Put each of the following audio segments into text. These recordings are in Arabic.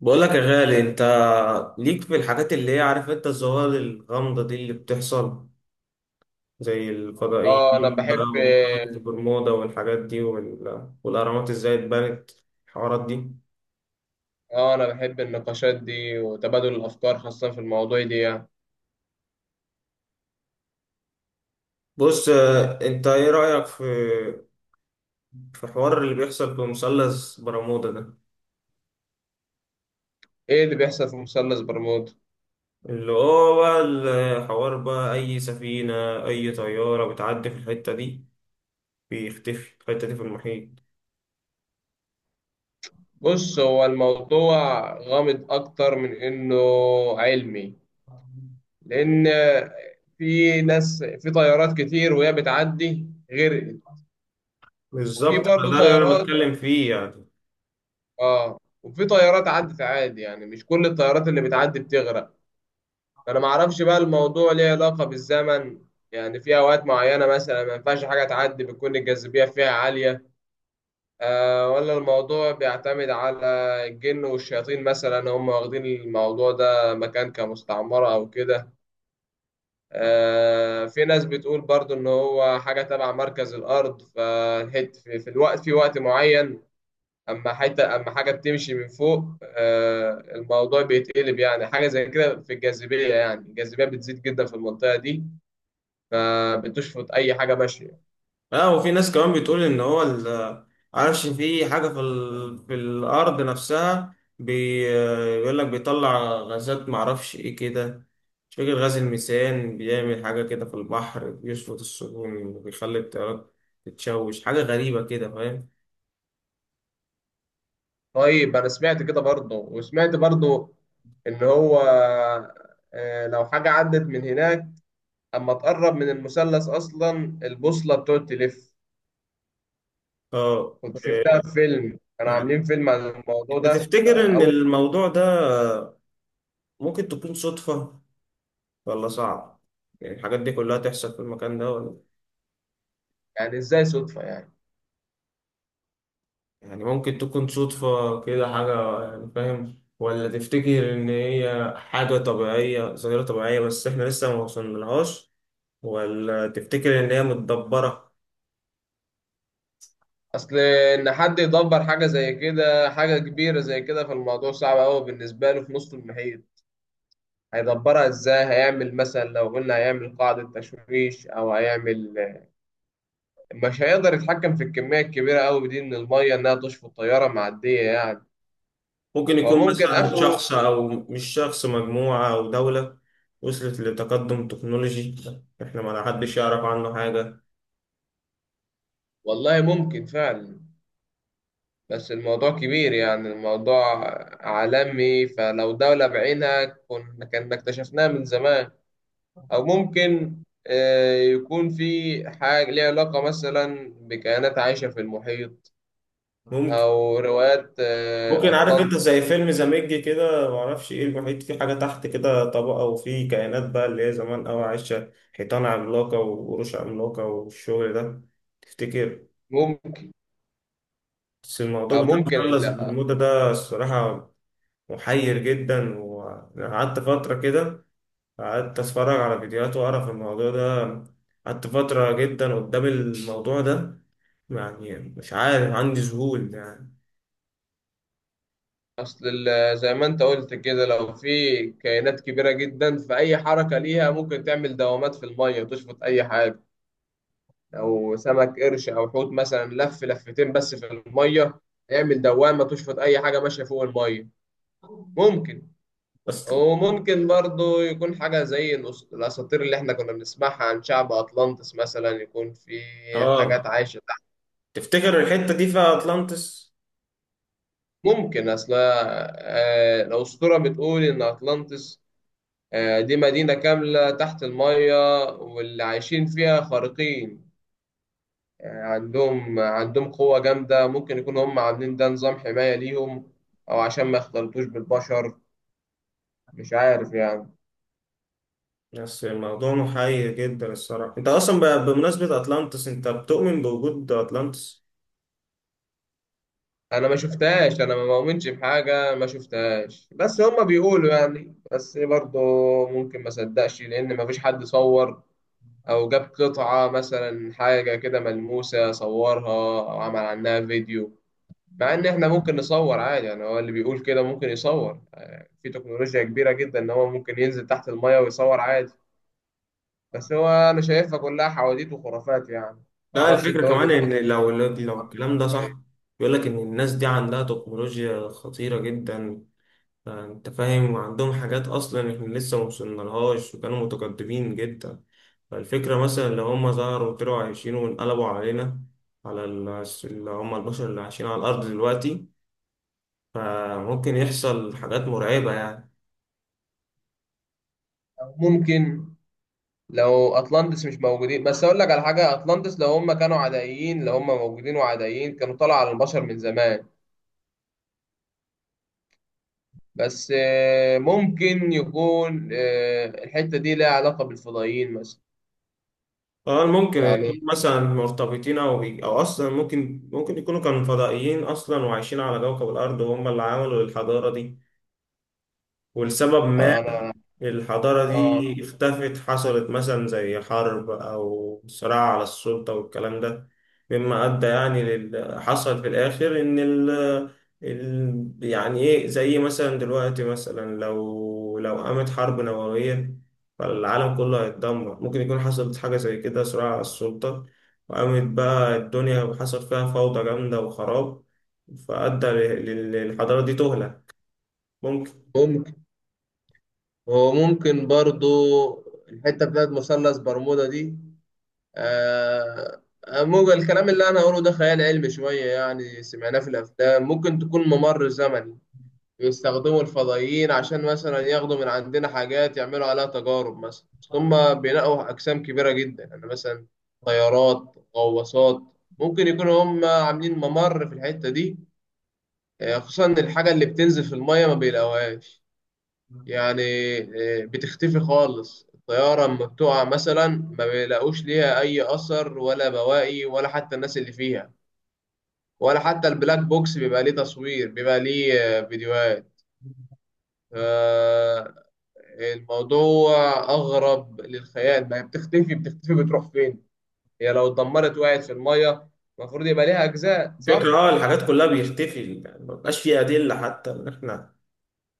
بقول لك يا غالي انت ليك في الحاجات اللي هي عارف انت الظواهر الغامضة دي اللي بتحصل زي اه انا الفضائيين بقى بحب ومنطقة البرمودا والحاجات دي والأهرامات ازاي اتبنت الحوارات دي. اه انا بحب النقاشات دي وتبادل الافكار خاصة في المواضيع دي يعني. بص، انت ايه رأيك في الحوار اللي بيحصل في مثلث برمودا ده؟ ايه اللي بيحصل في مثلث برمودا؟ اللي هو بقى الحوار بقى أي سفينة، أي طيارة بتعدي في الحتة دي بيختفي الحتة دي في المحيط. بص، هو الموضوع غامض اكتر من انه علمي، لان في ناس في طيارات كتير وهي بتعدي غرقت، وفي بالظبط، برضه فده اللي أنا طيارات بتكلم فيه يعني. اه وفي طيارات عدت عادي، يعني مش كل الطيارات اللي بتعدي بتغرق. فانا ما اعرفش بقى الموضوع ليه علاقه بالزمن، يعني في اوقات معينه مثلا ما ينفعش حاجه تعدي، بتكون الجاذبيه فيها عاليه. ولا الموضوع بيعتمد على الجن والشياطين مثلا، هم واخدين الموضوع ده مكان كمستعمره او كده. في ناس بتقول برضو ان هو حاجه تبع مركز الارض، فالحت في وقت معين اما حاجه بتمشي من فوق الموضوع بيتقلب، يعني حاجه زي كده في الجاذبيه، يعني الجاذبيه بتزيد جدا في المنطقه دي فبتشفط اي حاجه ماشيه. اه، وفي ناس كمان بتقول ان هو عارفش في حاجه في في الارض نفسها بيقول لك بيطلع غازات، معرفش ايه كده. مش فاكر غاز الميثان بيعمل حاجه كده في البحر، بيشفط السفن وبيخلي الطيارات تتشوش، حاجه غريبه كده فاهم. طيب، انا سمعت كده برضه، وسمعت برضه ان هو لو حاجه عدت من هناك اما تقرب من المثلث اصلا البوصله بتقعد تلف. اه، كنت شفتها في فيلم، كانوا معاك. عاملين فيلم عن الموضوع انت ده تفتكر ان اول الموضوع ده ممكن تكون صدفه ولا صعب، يعني الحاجات دي كلها تحصل في المكان ده، ولا يعني ازاي صدفه يعني؟ يعني ممكن تكون صدفة كده حاجة يعني فاهم، ولا تفتكر إن هي حاجة طبيعية، ظاهرة طبيعية بس إحنا لسه ما وصلنالهاش، ولا تفتكر إن هي متدبرة؟ اصل ان حد يدبر حاجه زي كده، حاجه كبيره زي كده، فالموضوع صعب قوي بالنسبه له في نص المحيط. هيدبرها ازاي؟ هيعمل مثلا لو قلنا هيعمل قاعده تشويش او هيعمل، مش هيقدر يتحكم في الكمية الكبيرة أوي دي من المية إنها تشفط الطيارة معدية يعني. ممكن هو يكون ممكن مثلا آخره. شخص، أو مش شخص، مجموعة أو دولة وصلت لتقدم تكنولوجي، إحنا ما حدش يعرف عنه حاجة. والله ممكن فعلا، بس الموضوع كبير، يعني الموضوع عالمي، فلو دولة بعينها كنا اكتشفناها من زمان. أو ممكن يكون في حاجة ليها علاقة مثلا بكائنات عايشة في المحيط، ممكن أو روايات، ممكن عارف انت أطلانتس. زي فيلم زاميج كده، معرفش ايه، المحيط فيه حاجة تحت كده طبقة، وفيه كائنات بقى اللي هي زمان أوي عايشة، حيطان عملاقة وقروش عملاقة والشغل ده. تفتكر؟ ممكن. بس أو الموضوع بتاع ممكن، مثلث برمودا ده الصراحة محير جدا، وقعدت فترة كده قعدت أتفرج على فيديوهات وأقرأ في الموضوع ده، قعدت فترة جدا قدام الموضوع ده، يعني مش عارف عندي ذهول يعني. زي ما انت قلت كده، لو في كائنات كبيره جدا، فاي حركه ليها ممكن تعمل دوامات في الميه تشفط اي حاجه. لو سمك قرش او حوت مثلا لف لفتين بس في الميه يعمل دوامه تشفط اي حاجه ماشيه فوق الميه. ممكن. بس وممكن برضو يكون حاجه زي الاساطير اللي احنا كنا بنسمعها عن شعب اطلانتس، مثلا يكون في حاجات اه عايشه تحت. تفتكر الحتة دي في أطلانتس؟ ممكن. اصل الاسطوره بتقول ان اطلانتس دي مدينة كاملة تحت المية، واللي عايشين فيها خارقين، يعني عندهم قوة جامدة، ممكن يكونوا هم عاملين ده نظام حماية ليهم أو عشان ما يختلطوش بالبشر. مش عارف يعني. بس الموضوع محير جدا الصراحة. انت اصلا بمناسبة اتلانتس، انت بتؤمن بوجود اتلانتس؟ أنا ما شفتهاش، أنا ما مؤمنش بحاجة ما شفتهاش، بس هم بيقولوا يعني. بس برضه ممكن ما صدقش لأن ما فيش حد صور أو جاب قطعة مثلا، حاجة كده ملموسة صورها أو عمل عنها فيديو، مع ان احنا ممكن نصور عادي يعني، هو اللي بيقول كده ممكن يصور. في تكنولوجيا كبيرة جدا ان هو ممكن ينزل تحت المية ويصور عادي. بس هو انا شايفها كلها حواديت وخرافات يعني. لا، معرفش، انت الفكرة وجهة كمان نظرك ان لو الكلام ده صح، ايه؟ بيقول لك ان الناس دي عندها تكنولوجيا خطيرة جدا، انت فاهم، وعندهم حاجات اصلا احنا لسه ما وصلنالهاش، وكانوا متقدمين جدا. فالفكرة مثلا لو هم ظهروا وطلعوا عايشين وانقلبوا علينا، على اللي هم البشر اللي عايشين على الارض دلوقتي، فممكن يحصل حاجات مرعبة يعني. أو ممكن لو اطلانتس مش موجودين، بس اقول لك على حاجة، اطلانتس لو هم كانوا عدائيين، لو هم موجودين وعدائيين كانوا طلعوا على البشر من زمان. بس ممكن يكون الحتة دي لها علاقة بالفضائيين مثلا، اه، ممكن يكونوا يعني. مثلا مرتبطين او او اصلا ممكن يكونوا كانوا فضائيين اصلا وعايشين على كوكب الارض، وهم اللي عملوا الحضاره دي، ولسبب ما انا الحضارة اه دي اختفت، حصلت مثلا زي حرب أو صراع على السلطة والكلام ده، مما أدى يعني حصل في الآخر إن يعني إيه، زي مثلا دلوقتي مثلا لو قامت حرب نووية، فالعالم كله هيتدمر، ممكن يكون حصلت حاجة زي كده، صراع على السلطة وقامت بقى الدنيا وحصل فيها فوضى جامدة وخراب، فأدى للحضارة دي تهلك، ممكن. ممكن. وممكن برضو الحتة بتاعت مثلث برمودا دي آه ممكن الكلام اللي أنا هقوله ده خيال علمي شوية، يعني سمعناه في الأفلام، ممكن تكون ممر زمني بيستخدموا الفضائيين عشان مثلا ياخدوا من عندنا حاجات يعملوا عليها تجارب. مثلا أصل هما بينقوا أجسام كبيرة جدا، يعني مثلا طيارات، غواصات. ممكن يكونوا هما عاملين ممر في الحتة دي، خصوصا إن الحاجة اللي بتنزل في المية ما بيلاقوهاش يعني. بتختفي خالص، الطيارة لما بتقع مثلا ما بيلاقوش ليها أي أثر ولا بواقي ولا حتى الناس اللي فيها، ولا حتى البلاك بوكس بيبقى ليه تصوير، بيبقى ليه فيديوهات. آه، الموضوع أغرب للخيال، ما هي بتختفي، بتختفي بتروح فين؟ هي لو اتدمرت وقعت في المية المفروض يبقى ليها أجزاء، الفكرة صح؟ الحاجات كلها بيختفي، يعني مبقاش فيه أدلة، حتى إن إحنا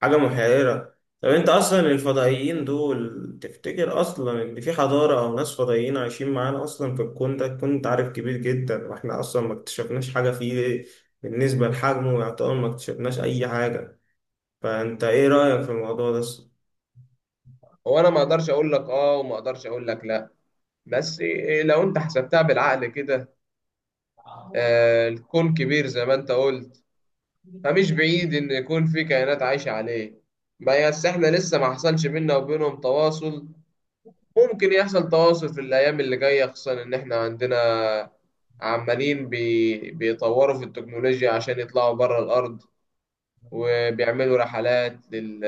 حاجة محيرة. طب أنت أصلا الفضائيين دول، تفتكر أصلا إن في حضارة أو ناس فضائيين عايشين معانا أصلا في الكون ده؟ عارف كبير جدا، وإحنا أصلا ما اكتشفناش حاجة فيه، بالنسبة لحجمه يعتبر ما اكتشفناش أي حاجة. فأنت إيه رأيك في الموضوع ده أصلا؟ هو أنا ما أقدرش أقول لك آه، وما أقدرش أقول لك لأ. بس لو أنت حسبتها بالعقل كده، الكون كبير زي ما أنت قلت، فمش بعيد إن يكون في كائنات عايشة عليه، بس إحنا لسه ما حصلش بينا وبينهم تواصل. ممكن يحصل تواصل في الأيام اللي جاية، خصوصا إن إحنا عندنا عمالين بيطوروا في التكنولوجيا عشان يطلعوا بره الأرض، وبيعملوا رحلات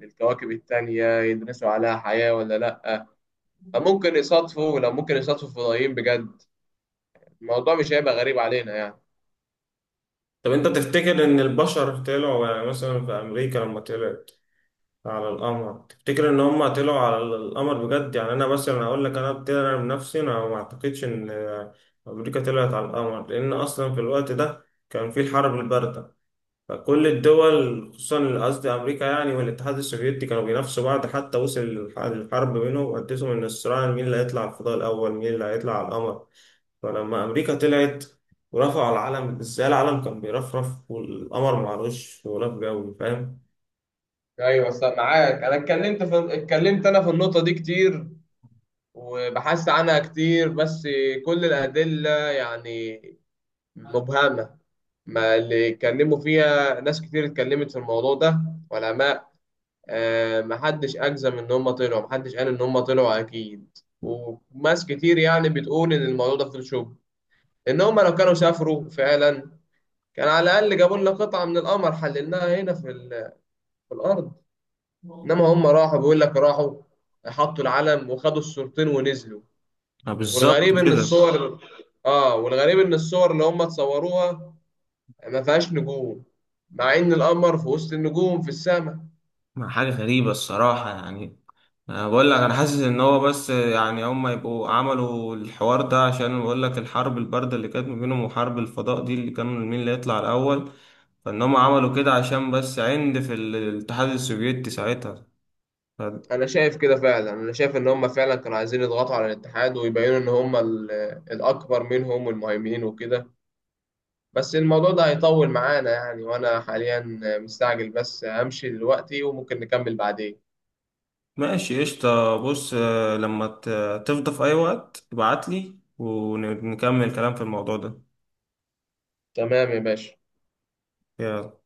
للكواكب التانية يدرسوا عليها حياة ولا لأ. ممكن يصادفوا لو ممكن يصادفوا فضائيين بجد، الموضوع مش هيبقى غريب علينا يعني. طب أنت تفتكر إن البشر طلعوا، يعني مثلا في أمريكا لما طلعوا على القمر، تفتكر ان هم طلعوا على القمر بجد؟ يعني انا مثلا اقول لك، انا بنفسي، انا ما اعتقدش ان امريكا طلعت على القمر، لان اصلا في الوقت ده كان في الحرب البارده، فكل الدول خصوصا، قصدي امريكا يعني والاتحاد السوفيتي، كانوا بينافسوا بعض، حتى وصل الحرب بينهم، وقدتهم ان الصراع، مين اللي هيطلع على الفضاء الاول، مين اللي هيطلع على القمر. فلما امريكا طلعت ورفعوا العلم، ازاي العلم كان بيرفرف والقمر معلوش غلاف جوي، فاهم؟ ايوه، بس معاك. انا اتكلمت انا في النقطه دي كتير وبحثت عنها كتير، بس كل الأدلة يعني مبهمة. ما اللي اتكلموا فيها ناس كتير، اتكلمت في الموضوع ده علماء، محدش أجزم إن هم طلعوا، محدش قال إن هم طلعوا أكيد، وناس كتير يعني بتقول إن الموضوع ده فوتوشوب، إن هم لو كانوا سافروا فعلا كان على الأقل جابوا لنا قطعة من القمر حللناها هنا في الأرض. إنما هم راحوا، بيقول لك راحوا حطوا العلم وخدوا الصورتين ونزلوا. آه، بالظبط والغريب ان كده. الصور اه والغريب ان الصور اللي هم اتصوروها ما فيهاش نجوم، مع ان القمر في وسط النجوم في السماء. ما حاجة غريبة الصراحة يعني. أنا بقول لك أنا حاسس إن هو بس يعني هما يبقوا عملوا الحوار ده عشان، بقول لك الحرب الباردة اللي كانت ما بينهم وحرب الفضاء دي اللي كانوا مين اللي يطلع الأول، فإن هما عملوا كده عشان بس عند الاتحاد السوفيتي ساعتها، ف- انا شايف كده فعلا، انا شايف ان هم فعلا كانوا عايزين يضغطوا على الاتحاد ويبينوا ان هم الاكبر منهم والمهيمنين وكده. بس الموضوع ده هيطول معانا يعني، وانا حاليا مستعجل، بس همشي دلوقتي وممكن نكمل بعدين. ماشي قشطة. بص، لما تفضى في أي وقت ابعتلي ونكمل كلام في الموضوع ده. تمام يا باشا. يلا.